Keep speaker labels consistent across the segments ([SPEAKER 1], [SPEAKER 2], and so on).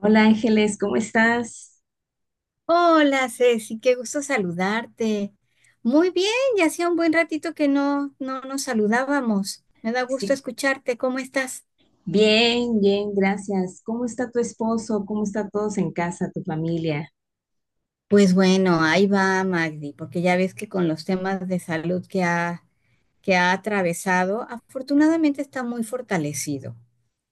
[SPEAKER 1] Hola Ángeles, ¿cómo estás?
[SPEAKER 2] Hola Ceci, qué gusto saludarte. Muy bien, ya hacía un buen ratito que no nos saludábamos. Me da gusto
[SPEAKER 1] Sí,
[SPEAKER 2] escucharte, ¿cómo estás?
[SPEAKER 1] bien, bien, gracias. ¿Cómo está tu esposo? ¿Cómo está todos en casa, tu familia?
[SPEAKER 2] Pues bueno, ahí va Magdi, porque ya ves que con los temas de salud que ha atravesado, afortunadamente está muy fortalecido.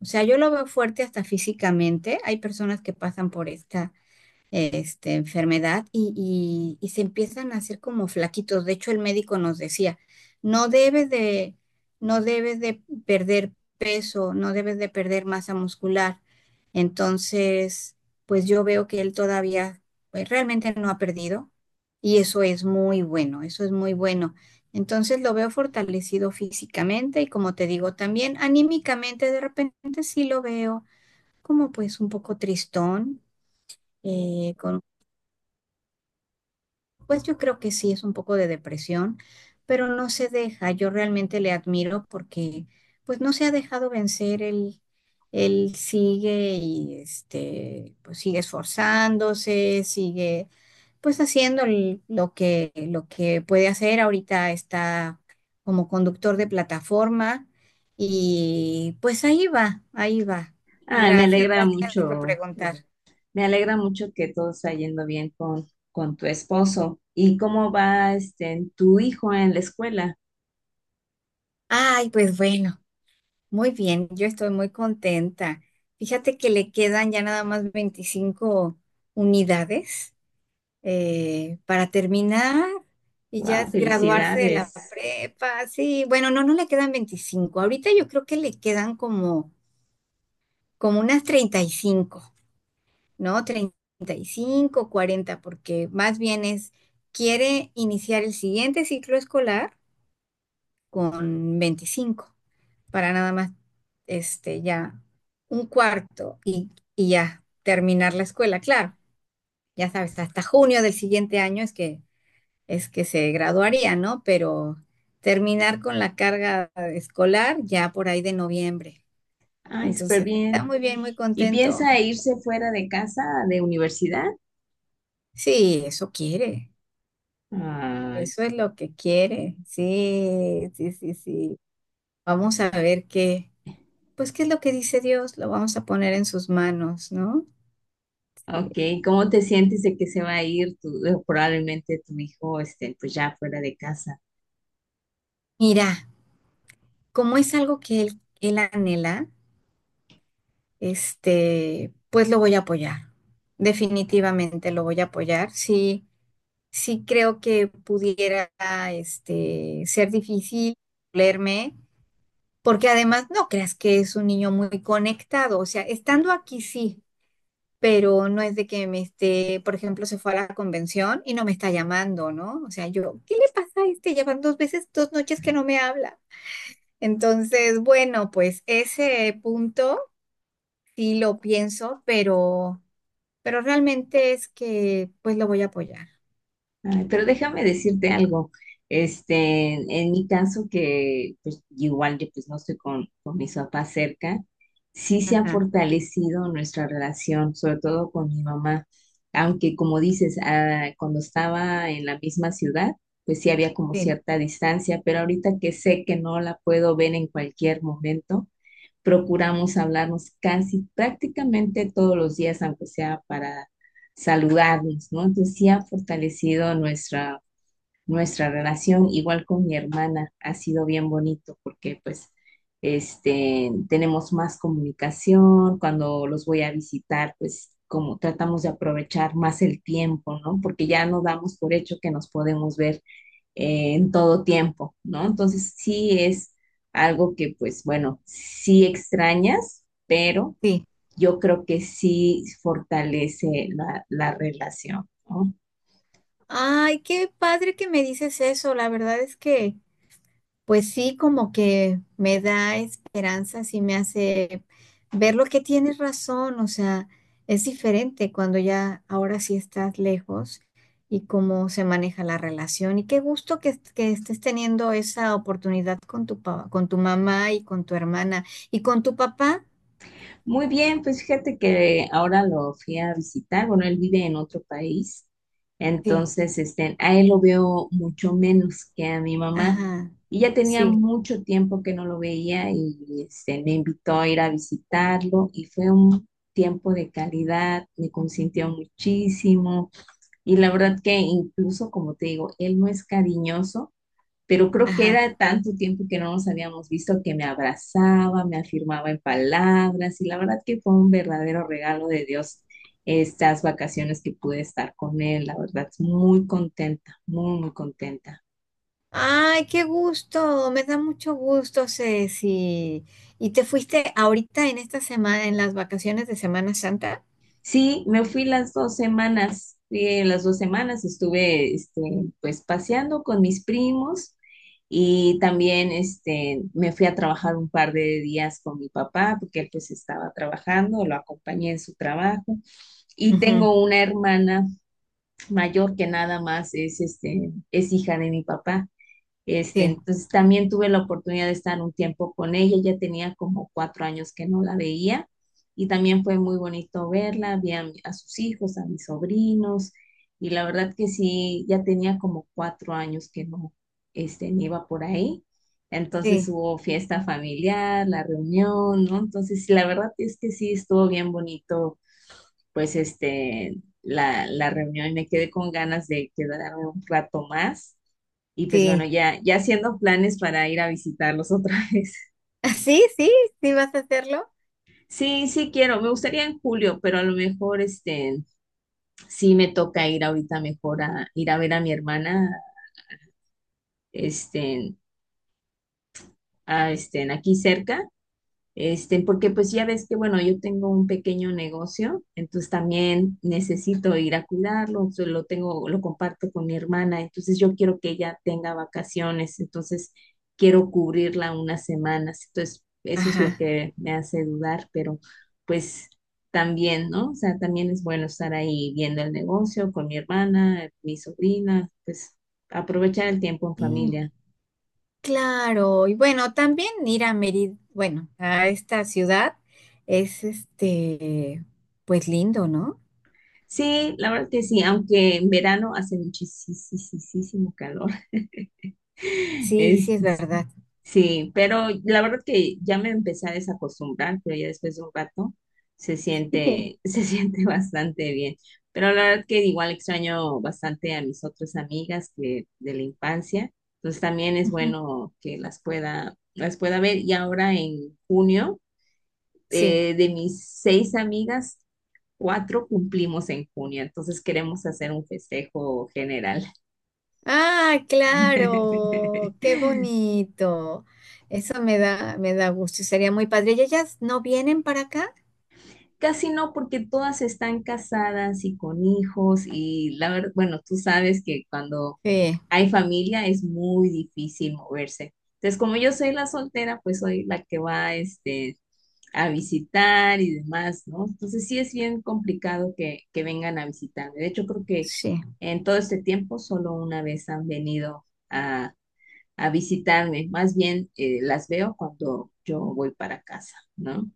[SPEAKER 2] O sea, yo lo veo fuerte hasta físicamente. Hay personas que pasan por esta enfermedad y se empiezan a hacer como flaquitos. De hecho, el médico nos decía, no debes de, no debes de perder peso, no debes de perder masa muscular. Entonces, pues yo veo que él todavía, pues realmente no ha perdido y eso es muy bueno, eso es muy bueno. Entonces lo veo fortalecido físicamente y como te digo, también anímicamente de repente sí lo veo como pues un poco tristón, con Pues yo creo que sí es un poco de depresión, pero no se deja. Yo realmente le admiro porque pues no se ha dejado vencer. Él sigue y pues sigue esforzándose, sigue pues haciendo lo que puede hacer. Ahorita está como conductor de plataforma y pues ahí va, ahí va.
[SPEAKER 1] Ah,
[SPEAKER 2] Gracias, gracias por preguntar.
[SPEAKER 1] me alegra mucho que todo está yendo bien con tu esposo. ¿Y cómo va tu hijo en la escuela?
[SPEAKER 2] Ay, pues bueno. Muy bien, yo estoy muy contenta. Fíjate que le quedan ya nada más 25 unidades para terminar y ya
[SPEAKER 1] Wow,
[SPEAKER 2] es graduarse de la
[SPEAKER 1] felicidades.
[SPEAKER 2] prepa. Sí, bueno, no le quedan 25. Ahorita yo creo que le quedan como unas 35, ¿no? 35, 40, porque más bien es, quiere iniciar el siguiente ciclo escolar con 25. Para nada más, ya un cuarto y ya terminar la escuela. Claro, ya sabes, hasta junio del siguiente año es que se graduaría, ¿no? Pero terminar con la carga escolar ya por ahí de noviembre.
[SPEAKER 1] Ay, súper
[SPEAKER 2] Entonces, está
[SPEAKER 1] bien.
[SPEAKER 2] muy bien, muy
[SPEAKER 1] ¿Y
[SPEAKER 2] contento.
[SPEAKER 1] piensa irse fuera de casa, de universidad?
[SPEAKER 2] Sí, eso quiere,
[SPEAKER 1] Ah,
[SPEAKER 2] eso es lo que quiere. Sí, sí, sí, sí. Vamos a ver qué, pues qué es lo que dice Dios, lo vamos a poner en sus manos, ¿no?
[SPEAKER 1] ok, ¿cómo te sientes de que se va a ir probablemente tu hijo, pues ya fuera de casa?
[SPEAKER 2] Mira. Como es algo que él anhela, pues lo voy a apoyar. Definitivamente lo voy a apoyar. Sí, sí creo que pudiera, ser difícil leerme, porque además no creas que es un niño muy conectado. O sea, estando aquí sí, pero no es de que me esté, por ejemplo, se fue a la convención y no me está llamando, ¿no? O sea, yo, ¿qué le pasa a este? Llevan dos veces, dos noches que no me habla. Entonces, bueno, pues ese punto. Sí lo pienso, pero realmente es que pues lo voy a apoyar.
[SPEAKER 1] Ay, pero déjame decirte algo. En mi caso, que pues igual yo pues no estoy con mis papás cerca, sí se ha
[SPEAKER 2] Ajá,
[SPEAKER 1] fortalecido nuestra relación, sobre todo con mi mamá. Aunque como dices, ah, cuando estaba en la misma ciudad, pues sí había como
[SPEAKER 2] sí,
[SPEAKER 1] cierta distancia, pero ahorita que sé que no la puedo ver en cualquier momento, procuramos hablarnos casi prácticamente todos los días, aunque sea para saludarnos, ¿no? Entonces sí ha fortalecido nuestra relación, igual con mi hermana, ha sido bien bonito porque pues tenemos más comunicación, cuando los voy a visitar, pues como tratamos de aprovechar más el tiempo, ¿no? Porque ya no damos por hecho que nos podemos ver en todo tiempo, ¿no? Entonces sí es algo que, pues bueno, sí extrañas, pero
[SPEAKER 2] sí.
[SPEAKER 1] yo creo que sí fortalece la relación, ¿no?
[SPEAKER 2] Ay, qué padre que me dices eso. La verdad es que pues sí, como que me da esperanza, sí me hace ver lo que tienes razón. O sea, es diferente cuando ya ahora sí estás lejos y cómo se maneja la relación. Y qué gusto que estés teniendo esa oportunidad con tu mamá y con tu hermana y con tu papá.
[SPEAKER 1] Muy bien, pues fíjate que ahora lo fui a visitar, bueno, él vive en otro país,
[SPEAKER 2] Sí.
[SPEAKER 1] entonces a él lo veo mucho menos que a mi mamá.
[SPEAKER 2] Ajá,
[SPEAKER 1] Y ya tenía
[SPEAKER 2] sí.
[SPEAKER 1] mucho tiempo que no lo veía y me invitó a ir a visitarlo y fue un tiempo de calidad, me consintió muchísimo y la verdad que incluso, como te digo, él no es cariñoso pero creo que
[SPEAKER 2] Ajá.
[SPEAKER 1] era tanto tiempo que no nos habíamos visto que me abrazaba, me afirmaba en palabras y la verdad que fue un verdadero regalo de Dios estas vacaciones que pude estar con él, la verdad, muy contenta, muy, muy contenta.
[SPEAKER 2] Ay, qué gusto, me da mucho gusto, Ceci. ¿Y te fuiste ahorita en esta semana, en las vacaciones de Semana Santa?
[SPEAKER 1] Sí, me fui las dos semanas estuve pues paseando con mis primos y también me fui a trabajar un par de días con mi papá porque él pues estaba trabajando, lo acompañé en su trabajo. Y
[SPEAKER 2] Ujú,
[SPEAKER 1] tengo una hermana mayor que nada más es hija de mi papá. Este,
[SPEAKER 2] sí,
[SPEAKER 1] entonces también tuve la oportunidad de estar un tiempo con ella. Ya tenía como 4 años que no la veía y también fue muy bonito verla. Vi a sus hijos, a mis sobrinos y la verdad que sí, ya tenía como 4 años que no, me iba por ahí. Entonces
[SPEAKER 2] sí,
[SPEAKER 1] hubo fiesta familiar, la reunión, ¿no? Entonces la verdad es que sí estuvo bien bonito pues la reunión y me quedé con ganas de quedarme un rato más. Y pues bueno,
[SPEAKER 2] sí.
[SPEAKER 1] ya, ya haciendo planes para ir a visitarlos otra vez.
[SPEAKER 2] Ah, sí, sí, sí, vas a hacerlo.
[SPEAKER 1] Sí, sí quiero, me gustaría en julio, pero a lo mejor sí me toca ir ahorita mejor a ir a ver a mi hermana, este a este aquí cerca. Porque pues ya ves que, bueno, yo tengo un pequeño negocio, entonces también necesito ir a cuidarlo, entonces lo tengo, lo comparto con mi hermana, entonces yo quiero que ella tenga vacaciones, entonces quiero cubrirla unas semanas, entonces eso es lo
[SPEAKER 2] Ajá.
[SPEAKER 1] que me hace dudar, pero pues también, ¿no? O sea, también es bueno estar ahí viendo el negocio con mi hermana, mi sobrina, pues aprovechar el tiempo en
[SPEAKER 2] Sí.
[SPEAKER 1] familia.
[SPEAKER 2] Claro, y bueno, también ir a Mérida, bueno, a esta ciudad es pues lindo, ¿no?
[SPEAKER 1] Sí, la verdad que sí, aunque en verano hace muchísimo calor.
[SPEAKER 2] Sí, sí,
[SPEAKER 1] Es-
[SPEAKER 2] es verdad.
[SPEAKER 1] sí, pero la verdad que ya me empecé a desacostumbrar, pero ya después de un rato se siente, se siente bastante bien. Pero la verdad que igual extraño bastante a mis otras amigas que de la infancia, entonces también es
[SPEAKER 2] Ujú,
[SPEAKER 1] bueno que las pueda ver. Y ahora en junio,
[SPEAKER 2] sí.
[SPEAKER 1] de mis seis amigas, cuatro cumplimos en junio, entonces queremos hacer un festejo general.
[SPEAKER 2] Ah, claro, qué bonito. Eso me da gusto y sería muy padre. ¿Y ellas no vienen para acá?
[SPEAKER 1] Casi no, porque todas están casadas y con hijos y la verdad, bueno, tú sabes que cuando
[SPEAKER 2] Sí,
[SPEAKER 1] hay familia es muy difícil moverse. Entonces, como yo soy la soltera, pues soy la que va, a visitar y demás, ¿no? Entonces sí es bien complicado que vengan a visitarme. De hecho, creo que
[SPEAKER 2] sí.
[SPEAKER 1] en todo este tiempo solo una vez han venido a visitarme, más bien las veo cuando yo voy para casa, ¿no?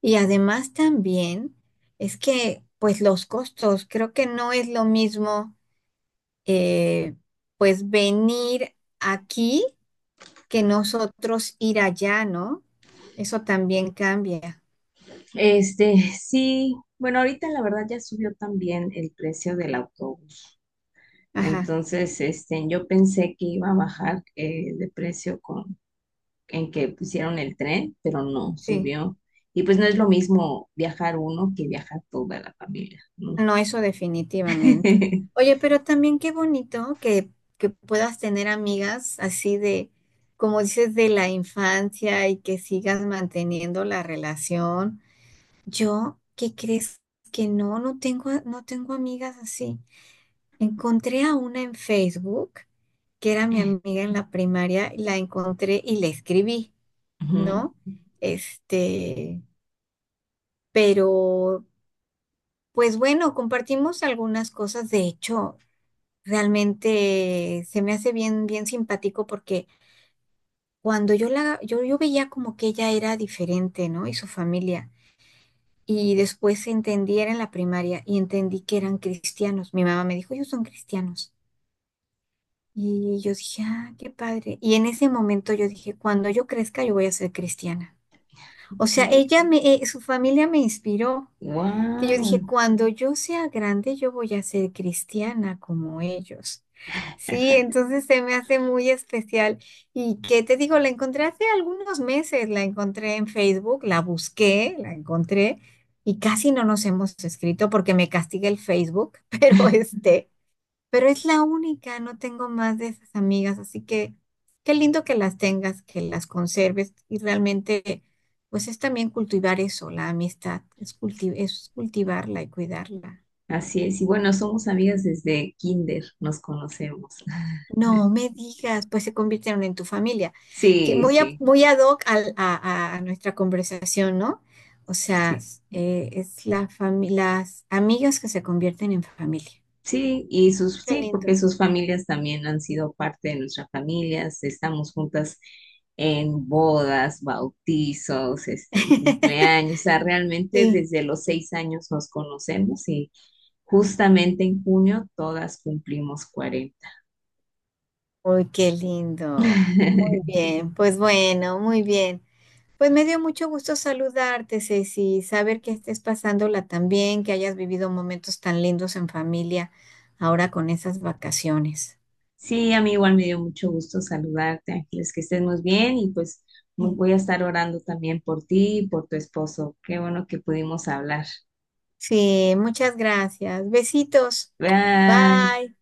[SPEAKER 2] Y además también es que, pues los costos, creo que no es lo mismo, eh, pues venir aquí que nosotros ir allá, ¿no? Eso también cambia.
[SPEAKER 1] Sí, bueno, ahorita la verdad ya subió también el precio del autobús,
[SPEAKER 2] Ajá,
[SPEAKER 1] entonces, yo pensé que iba a bajar de precio con, en que pusieron el tren, pero no,
[SPEAKER 2] sí.
[SPEAKER 1] subió. Y pues no es lo mismo viajar uno que viajar toda la familia, ¿no?
[SPEAKER 2] No, eso definitivamente. Oye, pero también qué bonito que puedas tener amigas así de, como dices, de la infancia y que sigas manteniendo la relación. Yo, ¿qué crees? Que no, no tengo amigas así. Encontré a una en Facebook que era mi amiga en la primaria, la encontré y le escribí, ¿no? Este, pero pues bueno, compartimos algunas cosas. De hecho, realmente se me hace bien, bien simpático porque cuando yo veía como que ella era diferente, ¿no? Y su familia. Y después entendí, era en la primaria, y entendí que eran cristianos. Mi mamá me dijo, ellos son cristianos. Y yo dije, ah, qué padre. Y en ese momento yo dije, cuando yo crezca, yo voy a ser cristiana. O sea, su familia me inspiró. Que yo dije,
[SPEAKER 1] Wow,
[SPEAKER 2] cuando yo sea grande, yo voy a ser cristiana como ellos. Sí, entonces se me hace muy especial. Y qué te digo, la encontré hace algunos meses, la encontré en Facebook, la busqué, la encontré y casi no nos hemos escrito porque me castiga el Facebook, pero es la única, no tengo más de esas amigas, así que qué lindo que las tengas, que las conserves y realmente, pues es también cultivar eso, la amistad, es cultivarla y cuidarla.
[SPEAKER 1] así es. Y bueno, somos amigas desde kinder, nos conocemos.
[SPEAKER 2] No me digas, pues se convirtieron en tu familia, que
[SPEAKER 1] Sí,
[SPEAKER 2] muy, a-
[SPEAKER 1] sí,
[SPEAKER 2] muy ad hoc a nuestra conversación, ¿no? O sea,
[SPEAKER 1] sí,
[SPEAKER 2] es las amigas que se convierten en familia.
[SPEAKER 1] sí, y
[SPEAKER 2] Qué
[SPEAKER 1] sí, porque
[SPEAKER 2] lindo.
[SPEAKER 1] sus familias también han sido parte de nuestras familias, estamos juntas en bodas, bautizos, en cumpleaños, o sea, realmente
[SPEAKER 2] Sí.
[SPEAKER 1] desde los 6 años nos conocemos y justamente en junio todas cumplimos 40.
[SPEAKER 2] Uy, qué lindo. Bien, pues bueno, muy bien. Pues me dio mucho gusto saludarte, Ceci, saber que estés pasándola tan bien, que hayas vivido momentos tan lindos en familia ahora con esas vacaciones.
[SPEAKER 1] Sí, a mí igual me dio mucho gusto saludarte, Ángeles, que estés muy bien y pues
[SPEAKER 2] Sí,
[SPEAKER 1] voy a estar orando también por ti y por tu esposo. Qué bueno que pudimos hablar.
[SPEAKER 2] sí, muchas gracias. Besitos.
[SPEAKER 1] Bye.
[SPEAKER 2] Bye.